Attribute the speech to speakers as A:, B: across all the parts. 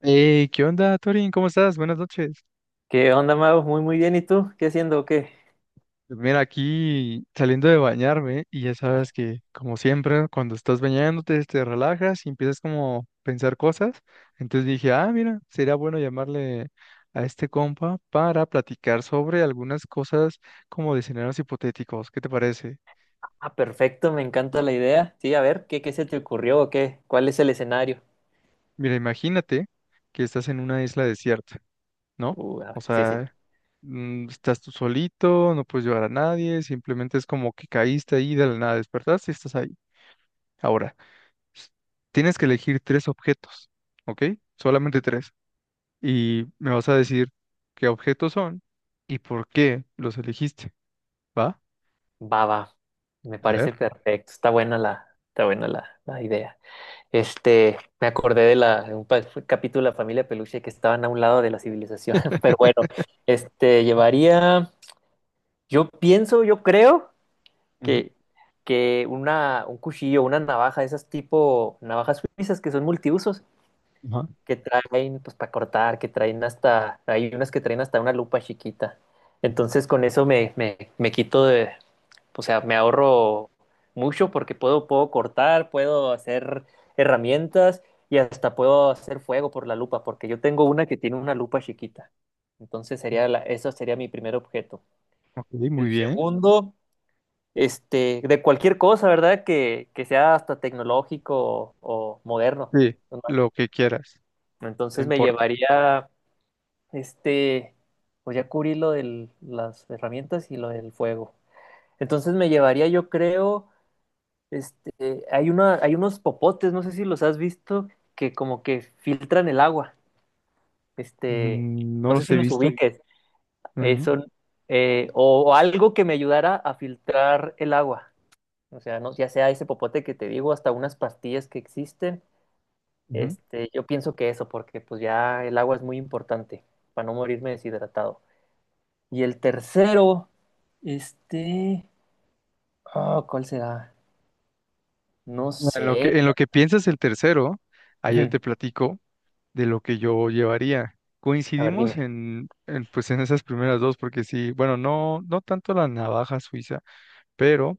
A: Hey, ¿qué onda, Torin? ¿Cómo estás? Buenas noches.
B: ¿Qué onda, Mau? Muy bien. ¿Y tú? ¿Qué haciendo o qué?
A: Pues mira, aquí saliendo de bañarme y ya sabes que, como siempre, cuando estás bañándote, te relajas y empiezas como a pensar cosas. Entonces dije, ah, mira, sería bueno llamarle a este compa para platicar sobre algunas cosas como de escenarios hipotéticos. ¿Qué te parece?
B: Ah, perfecto, me encanta la idea. Sí, a ver, ¿qué se te ocurrió o qué? ¿Cuál es el escenario?
A: Mira, imagínate que estás en una isla desierta, ¿no?
B: A
A: O
B: ver, sí, sí.
A: sea, estás tú solito, no puedes llevar a nadie, simplemente es como que caíste ahí de la nada, despertaste y estás ahí. Ahora, s- tienes que elegir tres objetos, ¿ok? Solamente tres. Y me vas a decir qué objetos son y por qué los elegiste, ¿va?
B: Va, va. Me
A: A
B: parece
A: ver.
B: perfecto. Está buena la idea. Me acordé de un capítulo de la familia Peluche que estaban a un lado de la civilización. Pero bueno, llevaría, yo creo
A: Ujú.
B: que, que un cuchillo, una navaja, esas tipo navajas suizas que son multiusos.
A: Ajá.
B: Que traen pues para cortar, hay unas que traen hasta una lupa chiquita. Entonces con eso me quito de, o sea, me ahorro mucho porque puedo cortar, puedo hacer herramientas y hasta puedo hacer fuego por la lupa, porque yo tengo una que tiene una lupa chiquita. Entonces eso sería mi primer objeto.
A: Ok, muy
B: El
A: bien.
B: segundo, de cualquier cosa, ¿verdad? Que sea hasta tecnológico o moderno.
A: Sí,
B: ¿No?
A: lo que quieras, no
B: Entonces me
A: importa.
B: llevaría. Este, pues ya cubrí lo de las herramientas y lo del fuego. Entonces me llevaría, yo creo, hay unos popotes, no sé si los has visto, que como que filtran el agua. Este,
A: No
B: no sé
A: los
B: si
A: he
B: los
A: visto.
B: ubiques. Eh,
A: Bueno,
B: son, o algo que me ayudara a filtrar el agua. O sea, no, ya sea ese popote que te digo, hasta unas pastillas que existen.
A: ujú.
B: Yo pienso que eso, porque pues ya el agua es muy importante para no morirme deshidratado. Y el tercero, este... ah, ¿cuál será? No
A: En lo
B: sé.
A: que, en lo que piensas el tercero, ahí yo
B: Ujú.
A: te platico de lo que yo llevaría.
B: A ver,
A: Coincidimos
B: dime.
A: en, pues en esas primeras dos, porque sí, bueno, no, no tanto la navaja suiza, pero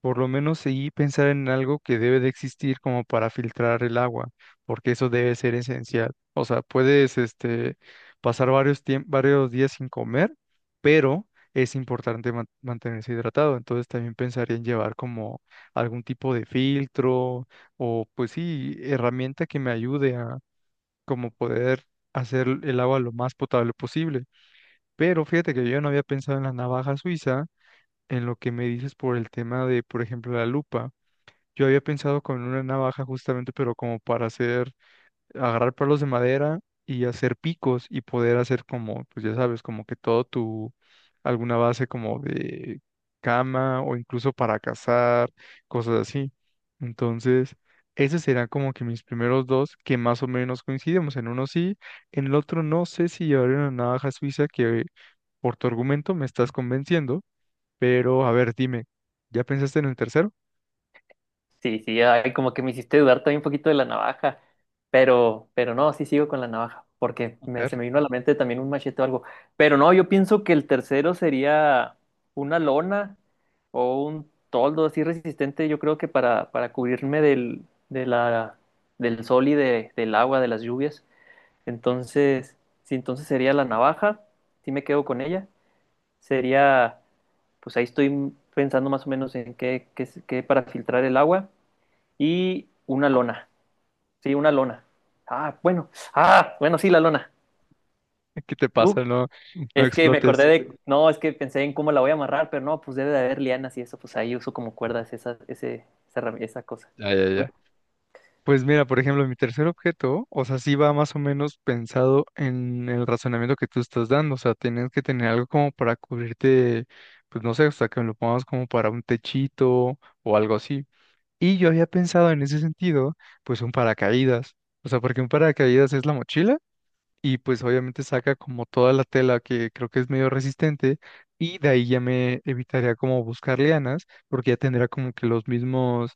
A: por lo menos sí pensar en algo que debe de existir como para filtrar el agua, porque eso debe ser esencial. O sea, puedes este, pasar varios días sin comer, pero es importante mantenerse hidratado. Entonces también pensaría en llevar como algún tipo de filtro o pues sí, herramienta que me ayude como poder hacer el agua lo más potable posible. Pero fíjate que yo no había pensado en la navaja suiza, en lo que me dices por el tema de, por ejemplo, la lupa. Yo había pensado con una navaja justamente, pero como para hacer agarrar palos de madera y hacer picos y poder hacer como, pues ya sabes, como que todo tu, alguna base como de cama o incluso para cazar, cosas así. Entonces, esos serán como que mis primeros dos que más o menos coincidimos. En uno sí, en el otro no sé si llevaré una navaja suiza que por tu argumento me estás convenciendo, pero a ver, dime, ¿ya pensaste en el tercero?
B: Sí, sí, ay, como que me hiciste dudar también un poquito de la navaja, pero no, sí sigo con la navaja, porque
A: A ver,
B: se me vino a la mente también un machete o algo. Pero no, yo pienso que el tercero sería una lona o un toldo así resistente, yo creo que para cubrirme del sol y del agua, de las lluvias. Entonces, si entonces sería la navaja, si me quedo con ella, sería, pues ahí estoy pensando más o menos en qué para filtrar el agua y una lona, sí, una lona. Ah, bueno, ah, bueno, sí, la lona.
A: ¿qué te
B: Tú,
A: pasa? No, no
B: es que me acordé
A: explotes.
B: de, no, es que pensé en cómo la voy a amarrar, pero no, pues debe de haber lianas y eso, pues ahí uso como cuerdas esa, esa cosa.
A: Ya, ya, ya. Pues mira, por ejemplo, mi tercer objeto, o sea, sí va más o menos pensado en el razonamiento que tú estás dando, o sea, tienes que tener algo como para cubrirte, pues no sé, o sea, que me lo pongamos como para un techito o algo así. Y yo había pensado en ese sentido, pues un paracaídas, o sea, porque un paracaídas es la mochila y pues obviamente saca como toda la tela que creo que es medio resistente y de ahí ya me evitaría como buscar lianas porque ya tendría como que los mismos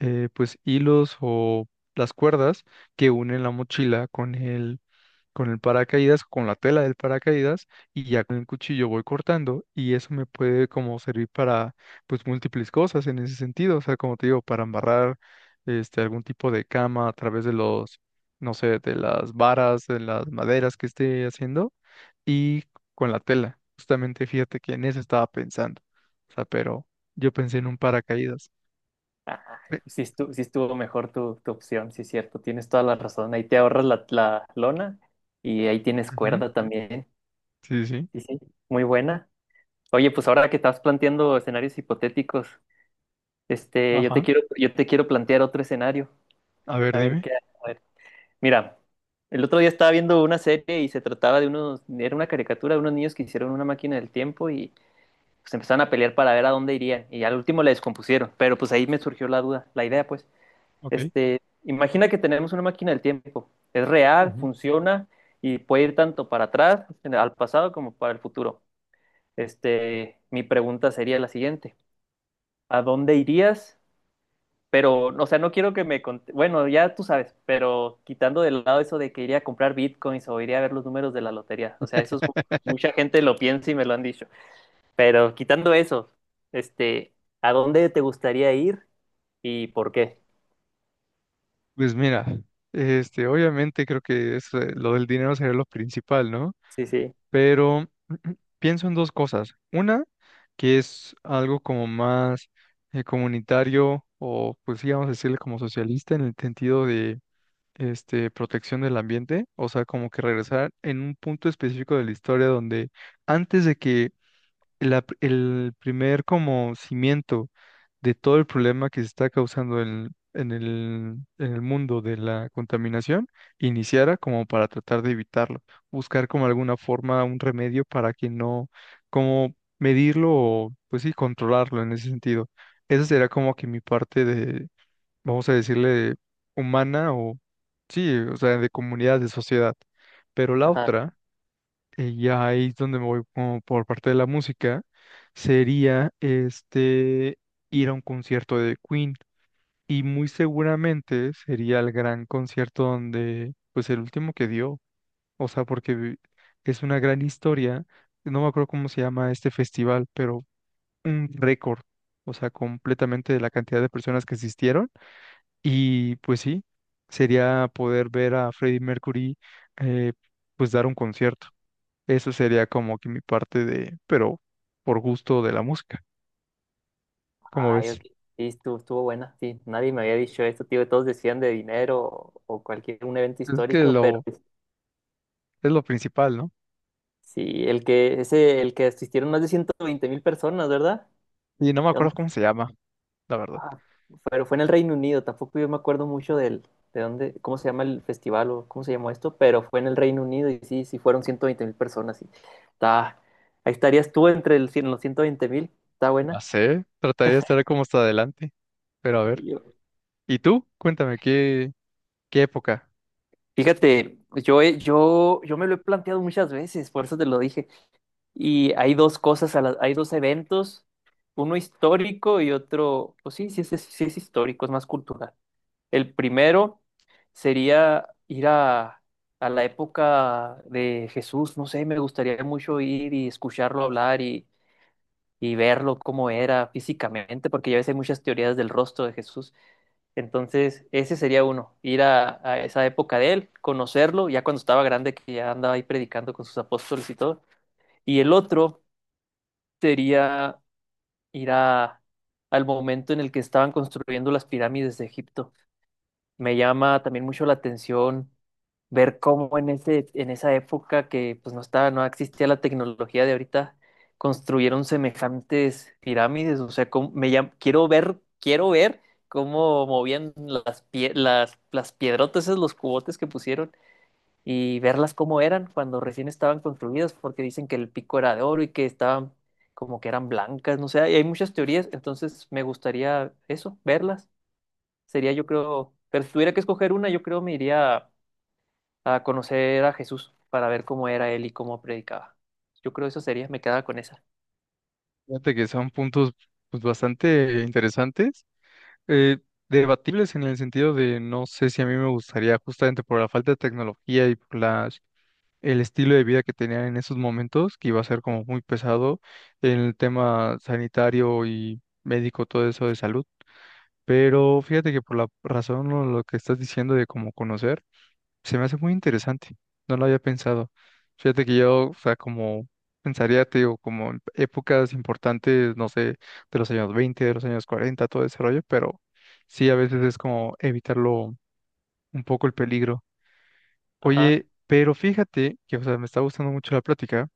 A: pues hilos o las cuerdas que unen la mochila con el paracaídas, con la tela del paracaídas y ya con el cuchillo voy cortando y eso me puede como servir para pues múltiples cosas en ese sentido, o sea, como te digo, para amarrar este algún tipo de cama a través de los, no sé, de las varas, de las maderas que esté haciendo y con la tela. Justamente fíjate que en eso estaba pensando, o sea, pero yo pensé en un paracaídas.
B: Ay,
A: Pe-
B: pues sí estuvo mejor tu opción, sí es cierto, tienes toda la razón. Ahí te ahorras la lona y ahí tienes
A: Ujú,
B: cuerda también.
A: sí, sí.
B: Sí, sí, muy buena. Oye, pues ahora que estás planteando escenarios hipotéticos,
A: Ajá.
B: yo te quiero plantear otro escenario.
A: A ver,
B: A ver qué,
A: dime.
B: a ver. Mira, el otro día estaba viendo una serie y se trataba de unos, era una caricatura de unos niños que hicieron una máquina del tiempo y pues empezaron a pelear para ver a dónde irían y al último la descompusieron. Pero pues ahí me surgió la duda, la idea, pues.
A: Ok.
B: Imagina que tenemos una máquina del tiempo. Es real,
A: Ujú.
B: funciona y puede ir tanto para atrás, al pasado, como para el futuro. Mi pregunta sería la siguiente. ¿A dónde irías? Pero, o sea, no quiero que me... Bueno, ya tú sabes, pero quitando de lado eso de que iría a comprar bitcoins o iría a ver los números de la lotería. O sea, mucha gente lo piensa y me lo han dicho. Pero quitando eso, este, ¿a dónde te gustaría ir y por qué?
A: Pues mira, este, obviamente creo que es, lo del dinero sería lo principal, ¿no?
B: Sí, sí.
A: Pero pienso en dos cosas. Una, que es algo como más comunitario o, pues sí, vamos a decirle como socialista en el sentido de este, protección del ambiente, o sea, como que regresar en un punto específico de la historia donde antes de que el primer como cimiento de todo el problema que se está causando en el mundo de la contaminación iniciara como para tratar de evitarlo, buscar como alguna forma, un remedio para que no, como medirlo o pues sí, controlarlo en ese sentido. Esa será como que mi parte de, vamos a decirle, humana o sí, o sea, de comunidad, de sociedad. Pero la otra ya ahí es donde me voy como por parte de la música, sería este ir a un concierto de Queen. Y muy seguramente sería el gran concierto donde, pues el último que dio, o sea, porque es una gran historia, no me acuerdo cómo se llama este festival, pero un récord, o sea, completamente de la cantidad de personas que asistieron. Y pues sí, sería poder ver a Freddie Mercury, eh, pues dar un concierto. Eso sería como que mi parte de, pero por gusto de la música, como
B: Ay,
A: ves.
B: ok. Sí, estuvo, estuvo buena, sí. Nadie me había dicho esto, tío. Todos decían de dinero o cualquier un evento
A: Es que
B: histórico, pero
A: lo,
B: pues,
A: es lo principal, ¿no?
B: sí, el que asistieron más de 120 mil personas, ¿verdad?
A: Y no me
B: ¿De
A: acuerdo
B: dónde?
A: cómo se llama, la verdad.
B: Ah, pero fue en el Reino Unido. Tampoco yo me acuerdo mucho de dónde, cómo se llama el festival o cómo se llamó esto, pero fue en el Reino Unido y sí, sí fueron 120 mil personas. Sí. Está, ahí estarías tú entre los 120 mil. Está
A: Ya
B: buena.
A: sé, trataría de estar como hasta adelante, pero a ver.
B: Y yo-
A: ¿Y tú? Cuéntame, ¿qué, qué época?
B: Fíjate, pues, yo me lo he planteado muchas veces, por eso te lo dije. Y hay dos cosas, hay dos eventos, uno histórico y otro, pues sí, sí es histórico, es más cultural. El primero sería a la época de Jesús, no sé, me gustaría mucho ir y escucharlo hablar y verlo cómo era físicamente, porque ya ves, hay muchas teorías del rostro de Jesús. Entonces, ese sería uno, a esa época de él, conocerlo, ya cuando estaba grande, que ya andaba ahí predicando con sus apóstoles y todo. Y el otro sería ir a, al momento en el que estaban construyendo las pirámides de Egipto. Me llama también mucho la atención ver cómo en esa época que pues no existía la tecnología de ahorita, construyeron semejantes pirámides. O sea, quiero ver cómo movían las piedrotas, esos los cubotes que pusieron y verlas cómo eran cuando recién estaban construidas, porque dicen que el pico era de oro y que estaban como que eran blancas, no sé, y hay muchas teorías, entonces me gustaría eso, verlas. Sería yo creo, pero si tuviera que escoger una, yo creo me iría a conocer a Jesús para ver cómo era él y cómo predicaba. Yo creo eso sería, me quedaba con esa.
A: Fíjate que son puntos pues, bastante interesantes, eh, debatibles en el sentido de no sé si a mí me gustaría, justamente por la falta de tecnología y por las el estilo de vida que tenían en esos momentos, que iba a ser como muy pesado en el tema sanitario y médico, todo eso de salud. Pero fíjate que por la razón o lo que estás diciendo de cómo conocer, se me hace muy interesante. No lo había pensado. Fíjate que yo, o sea, como pensaría, te digo, como en épocas importantes, no sé, de los años 20, de los años 40, todo ese rollo, pero sí, a veces es como evitarlo un poco el peligro.
B: Ajá.
A: Oye, pero fíjate que, o sea, me está gustando mucho la plática,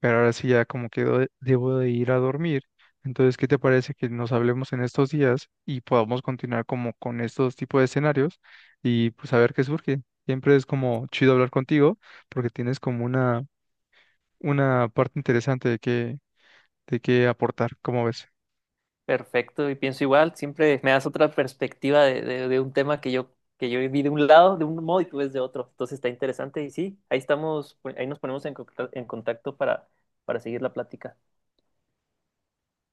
A: pero ahora sí ya como que debo de ir a dormir. Entonces, ¿qué te parece que nos hablemos en estos días y podamos continuar como con estos tipos de escenarios y pues a ver qué surge? Siempre es como chido hablar contigo porque tienes como una parte interesante de qué aportar, ¿cómo ves?
B: Perfecto, y pienso igual, siempre me das otra perspectiva de un tema que que yo vi de un lado, de un modo, y tú ves de otro. Entonces está interesante y sí, ahí estamos, ahí nos ponemos en contacto para seguir la plática.